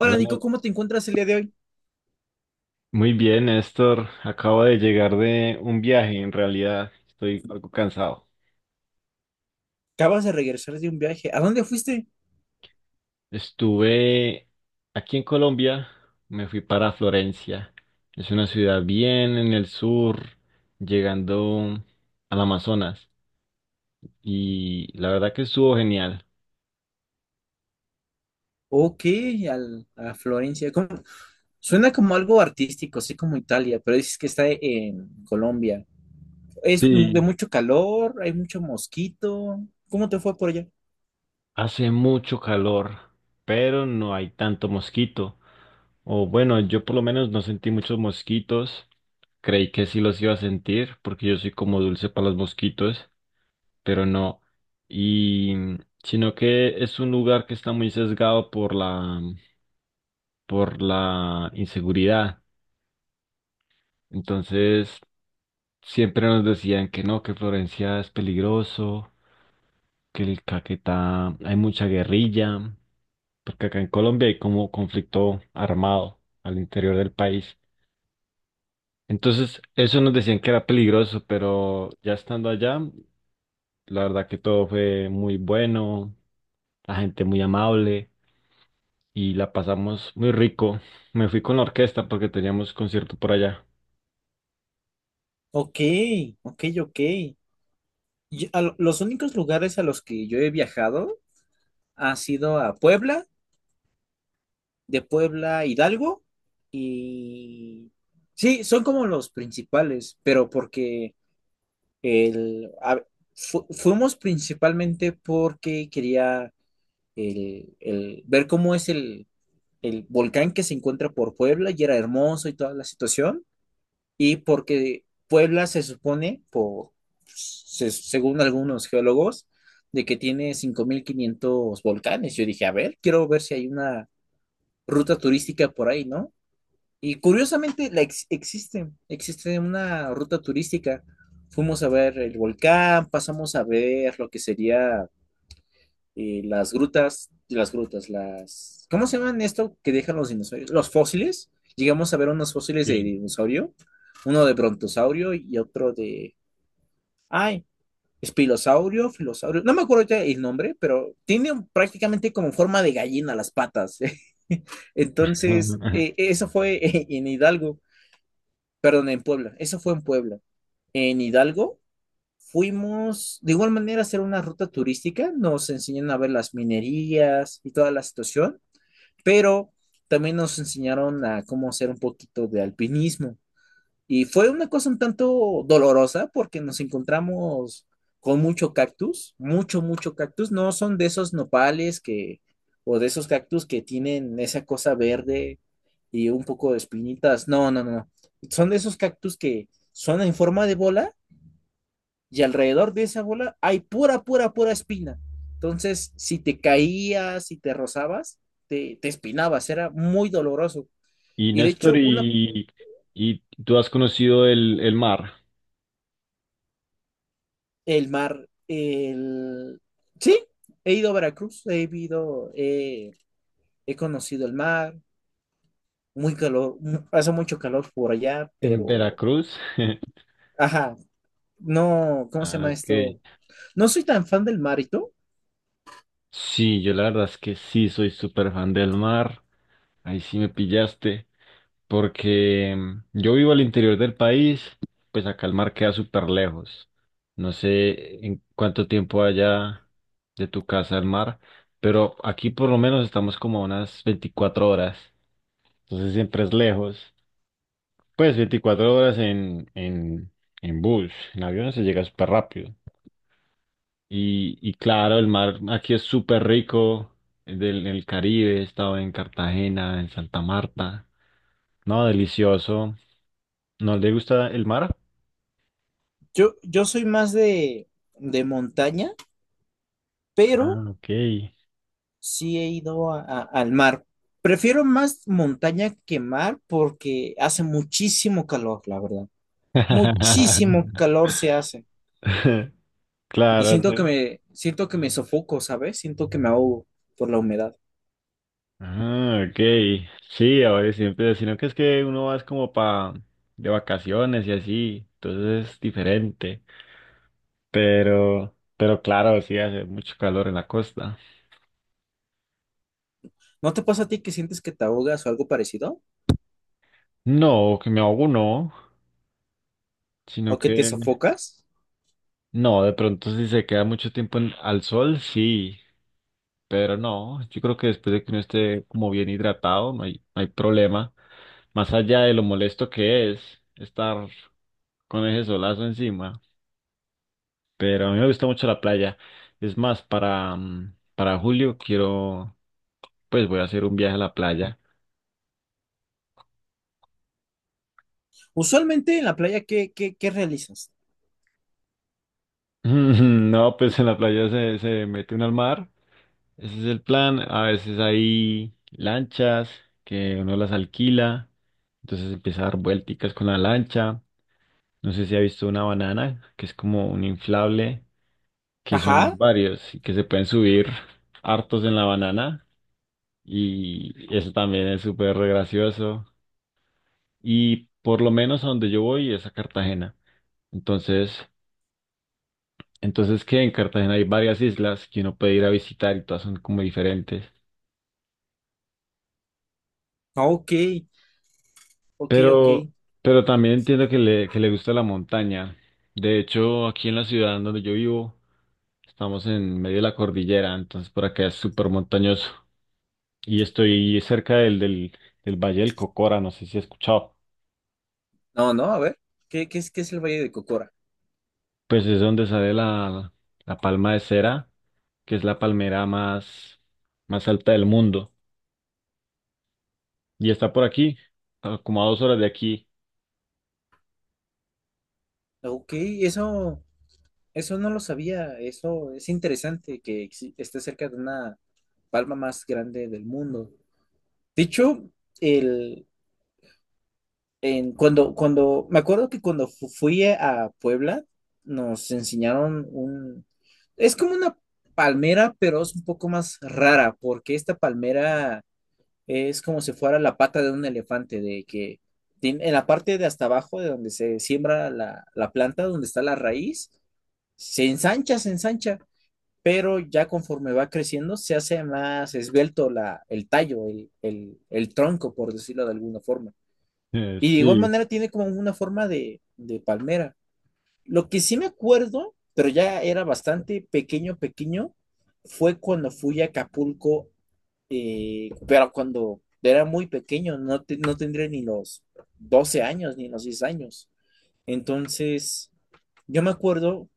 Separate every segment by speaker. Speaker 1: Hola,
Speaker 2: Nico,
Speaker 1: Ne-
Speaker 2: ¿cómo te encuentras el día de hoy?
Speaker 1: muy bien, Néstor. Acabo de llegar de un viaje, en realidad estoy algo cansado.
Speaker 2: Acabas de regresar de un viaje. ¿A dónde fuiste?
Speaker 1: Estuve aquí en Colombia, me fui para Florencia. Es una ciudad bien en el sur, llegando al Amazonas, y la verdad que estuvo genial.
Speaker 2: Ok, a Florencia. ¿Cómo? Suena como algo artístico, así como Italia, pero dices que está en Colombia. ¿Es de
Speaker 1: Sí.
Speaker 2: mucho calor? ¿Hay mucho mosquito? ¿Cómo te fue por allá?
Speaker 1: Hace mucho calor, pero no hay tanto mosquito. O bueno, yo por lo menos no sentí muchos mosquitos. Creí que sí los iba a sentir, porque yo soy como dulce para los mosquitos, pero no. Y sino que es un lugar que está muy sesgado por la por la inseguridad. Entonces, siempre nos decían que no, que Florencia es peligroso, que el Caquetá hay mucha guerrilla, porque acá en Colombia hay como conflicto armado al interior del país. Entonces, eso nos decían que era peligroso, pero ya estando allá, la verdad que todo fue muy bueno, la gente muy amable y la pasamos muy rico. Me fui con la orquesta porque teníamos concierto por allá.
Speaker 2: Ok, ok, ok. Los únicos lugares a los que yo he viajado ha sido a Puebla, de Puebla a Hidalgo y... Sí, son como los principales, pero porque... El, a- fuimos principalmente porque quería ver cómo es el volcán que se encuentra por Puebla y era hermoso y toda la situación. Y porque Puebla se supone, según algunos geólogos, de que tiene 5.500 volcanes. Yo dije, a ver, quiero ver si hay una ruta turística por ahí, ¿no? Y curiosamente existe una ruta turística. Fuimos a ver el volcán, pasamos a ver lo que sería las grutas, ¿cómo se llaman esto que dejan los dinosaurios? Los fósiles. Llegamos a ver unos fósiles de
Speaker 1: Bien.
Speaker 2: dinosaurio, uno de brontosaurio y otro de, ay, espilosaurio, filosaurio. No me acuerdo ahorita el nombre, pero tiene prácticamente como forma de gallina las patas. Entonces, eso fue en Hidalgo. Perdón, en Puebla. Eso fue en Puebla. En Hidalgo fuimos de igual manera a hacer una ruta turística. Nos enseñaron a ver las minerías y toda la situación, pero también nos enseñaron a cómo hacer un poquito de alpinismo. Y fue una cosa un tanto dolorosa porque nos encontramos con mucho cactus, mucho, mucho cactus. No son de esos nopales que, o de esos cactus que tienen esa cosa verde y un poco de espinitas. No, no, no, no. Son de esos cactus que son en forma de bola y alrededor de esa bola hay pura, pura, pura espina. Entonces, si te caías, si te rozabas, te espinabas, era muy doloroso.
Speaker 1: Y
Speaker 2: Y de
Speaker 1: Néstor,
Speaker 2: hecho,
Speaker 1: y tú has conocido el mar
Speaker 2: el mar, sí, he ido a Veracruz, he ido, he conocido el mar, muy calor, hace mucho calor por allá,
Speaker 1: en
Speaker 2: pero,
Speaker 1: Veracruz?
Speaker 2: ajá, no, ¿cómo se
Speaker 1: Ah,
Speaker 2: llama
Speaker 1: ok.
Speaker 2: esto? No soy tan fan del marito.
Speaker 1: Sí, yo la verdad es que sí soy súper fan del mar. Ahí sí me pillaste. Porque yo vivo al interior del país, pues acá el mar queda súper lejos. No sé en cuánto tiempo haya de tu casa al mar, pero aquí por lo menos estamos como a unas 24 horas. Entonces siempre es lejos. Pues 24 horas en bus, en avión se llega súper rápido. Y claro, el mar aquí es súper rico, el del el Caribe, he estado en Cartagena, en Santa Marta. No, delicioso. ¿No le gusta el mar?
Speaker 2: Yo soy más de montaña,
Speaker 1: Ah,
Speaker 2: pero
Speaker 1: ok.
Speaker 2: sí he ido al mar. Prefiero más montaña que mar porque hace muchísimo calor, la verdad. Muchísimo calor se hace. Y
Speaker 1: Claro, sí.
Speaker 2: siento que me sofoco, ¿sabes? Siento que me ahogo por la humedad.
Speaker 1: Ah, ok. Sí, ahora siempre, sino que es que uno va es como pa de vacaciones y así, entonces es diferente. Pero claro, sí hace mucho calor en la costa.
Speaker 2: ¿No te pasa a ti que sientes que te ahogas o algo parecido?
Speaker 1: No, que me ahogo no, sino
Speaker 2: ¿O que
Speaker 1: que
Speaker 2: te sofocas?
Speaker 1: no, de pronto si se queda mucho tiempo en- al sol, sí, pero no, yo creo que después de que uno esté como bien hidratado, no hay, no hay problema. Más allá de lo molesto que es estar con ese solazo encima, pero a mí me gusta mucho la playa. Es más, para julio quiero, pues voy a hacer un viaje a la playa.
Speaker 2: Usualmente en la playa, ¿qué realizas?
Speaker 1: No, pues en la playa se mete uno al mar. Ese es el plan. A veces hay lanchas que uno las alquila, entonces empieza a dar vuelticas con la lancha. No sé si ha visto una banana, que es como un inflable, que son
Speaker 2: Ajá.
Speaker 1: varios y que se pueden subir hartos en la banana. Y eso también es súper re gracioso. Y por lo menos a donde yo voy es a Cartagena. Entonces, entonces que en Cartagena hay varias islas que uno puede ir a visitar y todas son como diferentes.
Speaker 2: Ah, ok, ok, ok.
Speaker 1: Pero, pero también entiendo que le gusta la montaña. De hecho, aquí en la ciudad en donde yo vivo, estamos en medio de la cordillera, entonces por acá es súper montañoso. Y estoy cerca del Valle del Cocora, no sé si has escuchado.
Speaker 2: No, no, a ver, ¿qué es el Valle de Cocora?
Speaker 1: Pues es donde sale la palma de cera, que es la palmera más, más alta del mundo. Y está por aquí, a- como a 2 horas de aquí.
Speaker 2: Ok, eso no lo sabía. Eso es interesante que esté cerca de una palma más grande del mundo. De hecho, el, en, cuando, cuando, me acuerdo que cuando fui a Puebla, nos enseñaron es como una palmera, pero es un poco más rara, porque esta palmera es como si fuera la pata de un elefante, de que en la parte de hasta abajo, de donde se siembra la planta, donde está la raíz se ensancha, pero ya conforme va creciendo se hace más esbelto el tallo, el tronco, por decirlo de alguna forma.
Speaker 1: Eh,
Speaker 2: Y de igual
Speaker 1: sí,
Speaker 2: manera tiene como una forma de palmera. Lo que sí me acuerdo, pero ya era bastante pequeño, pequeño, fue cuando fui a Acapulco, pero cuando era muy pequeño, no, no tendría ni los 12 años, ni los 10 años. Entonces, yo me acuerdo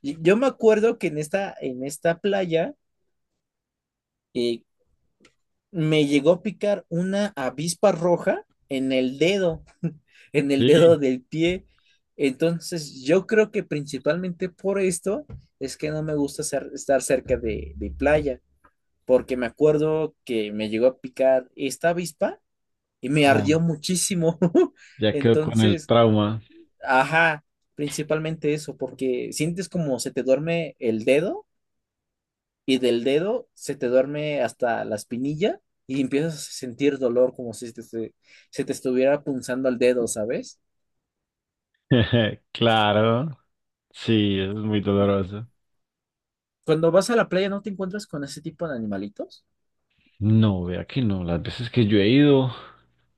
Speaker 2: Yo me acuerdo que en esta playa, eh, me llegó a picar una avispa roja en el dedo, en el
Speaker 1: sí,
Speaker 2: dedo del pie. Entonces, yo creo que principalmente por esto es que no me gusta estar cerca de playa, porque me acuerdo que me llegó a picar esta avispa y me
Speaker 1: ah,
Speaker 2: ardió muchísimo.
Speaker 1: ya quedó con el
Speaker 2: Entonces,
Speaker 1: trauma.
Speaker 2: ajá, principalmente eso, porque sientes como se te duerme el dedo y del dedo se te duerme hasta la espinilla y empiezas a sentir dolor como si se, se te estuviera punzando el dedo, ¿sabes?
Speaker 1: Claro. Sí, eso es muy doloroso.
Speaker 2: Cuando vas a la playa no te encuentras con ese tipo de animalitos.
Speaker 1: No, vea que no. Las veces que yo he ido,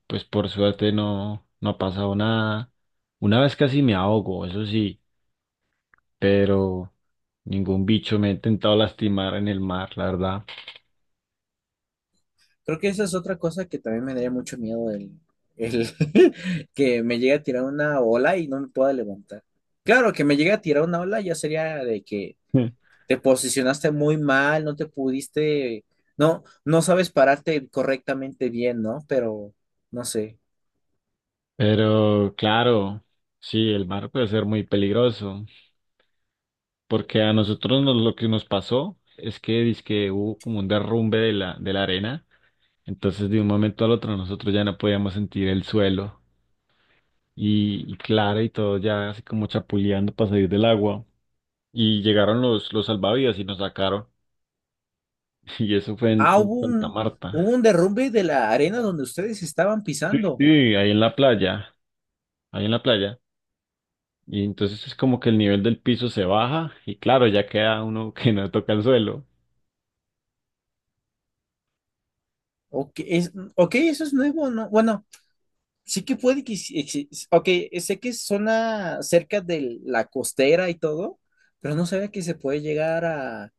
Speaker 1: pues por suerte no, no ha pasado nada. Una vez casi me ahogo, eso sí, pero ningún bicho me ha intentado lastimar en el mar, la verdad.
Speaker 2: Creo que esa es otra cosa que también me daría mucho miedo el que me llegue a tirar una ola y no me pueda levantar. Claro, que me llegue a tirar una ola ya sería de que te posicionaste muy mal, no te pudiste, no, no sabes pararte correctamente bien, ¿no? Pero no sé.
Speaker 1: Pero claro, sí, el mar puede ser muy peligroso, porque a nosotros nos- lo que nos pasó es que dizque hubo como un derrumbe de la arena, entonces de un momento al otro nosotros ya no podíamos sentir el suelo. Y, y Clara y todo ya así como chapuleando para salir del agua. Y llegaron los salvavidas y nos sacaron. Y eso fue en,
Speaker 2: Ah,
Speaker 1: en Santa
Speaker 2: hubo
Speaker 1: Marta.
Speaker 2: un derrumbe de la arena donde ustedes estaban
Speaker 1: Sí,
Speaker 2: pisando.
Speaker 1: sí, ahí en la playa, ahí en la playa. Y entonces es como que el nivel del piso se baja y claro, ya queda uno que no toca el suelo.
Speaker 2: Ok, ok, eso es nuevo, ¿no? Bueno, sí que puede que... sí exi- ok, sé que es zona cerca de la costera y todo, pero no sabía que se puede llegar a,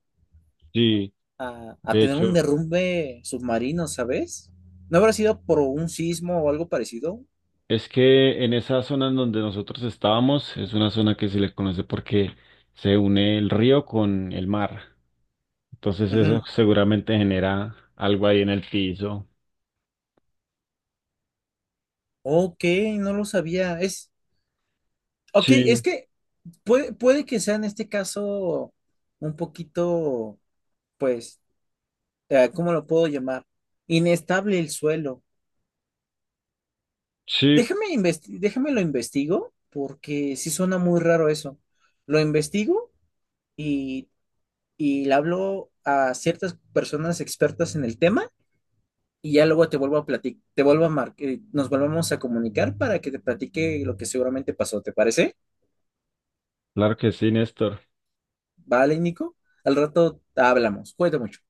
Speaker 1: Sí,
Speaker 2: a, a
Speaker 1: de
Speaker 2: tener un
Speaker 1: hecho,
Speaker 2: derrumbe submarino, ¿sabes? ¿No habrá sido por un sismo o algo parecido?
Speaker 1: es que en esa zona en donde nosotros estábamos es una zona que se le conoce porque se une el río con el mar. Entonces eso
Speaker 2: Ujú.
Speaker 1: seguramente genera algo ahí en el piso.
Speaker 2: Ok, no lo sabía. Ok, es
Speaker 1: Sí,
Speaker 2: que puede que sea en este caso un poquito, pues sea, ¿cómo lo puedo llamar? Inestable el suelo.
Speaker 1: sí,
Speaker 2: Déjame lo investigo, porque sí suena muy raro eso. Lo investigo y, y le hablo a ciertas personas expertas en el tema y ya luego te vuelvo a platicar, te vuelvo a mar- nos volvemos a comunicar para que te platique lo que seguramente pasó. ¿Te parece?
Speaker 1: claro que sí, Néstor.
Speaker 2: Vale, Nico. Al rato hablamos. Cuídate mucho.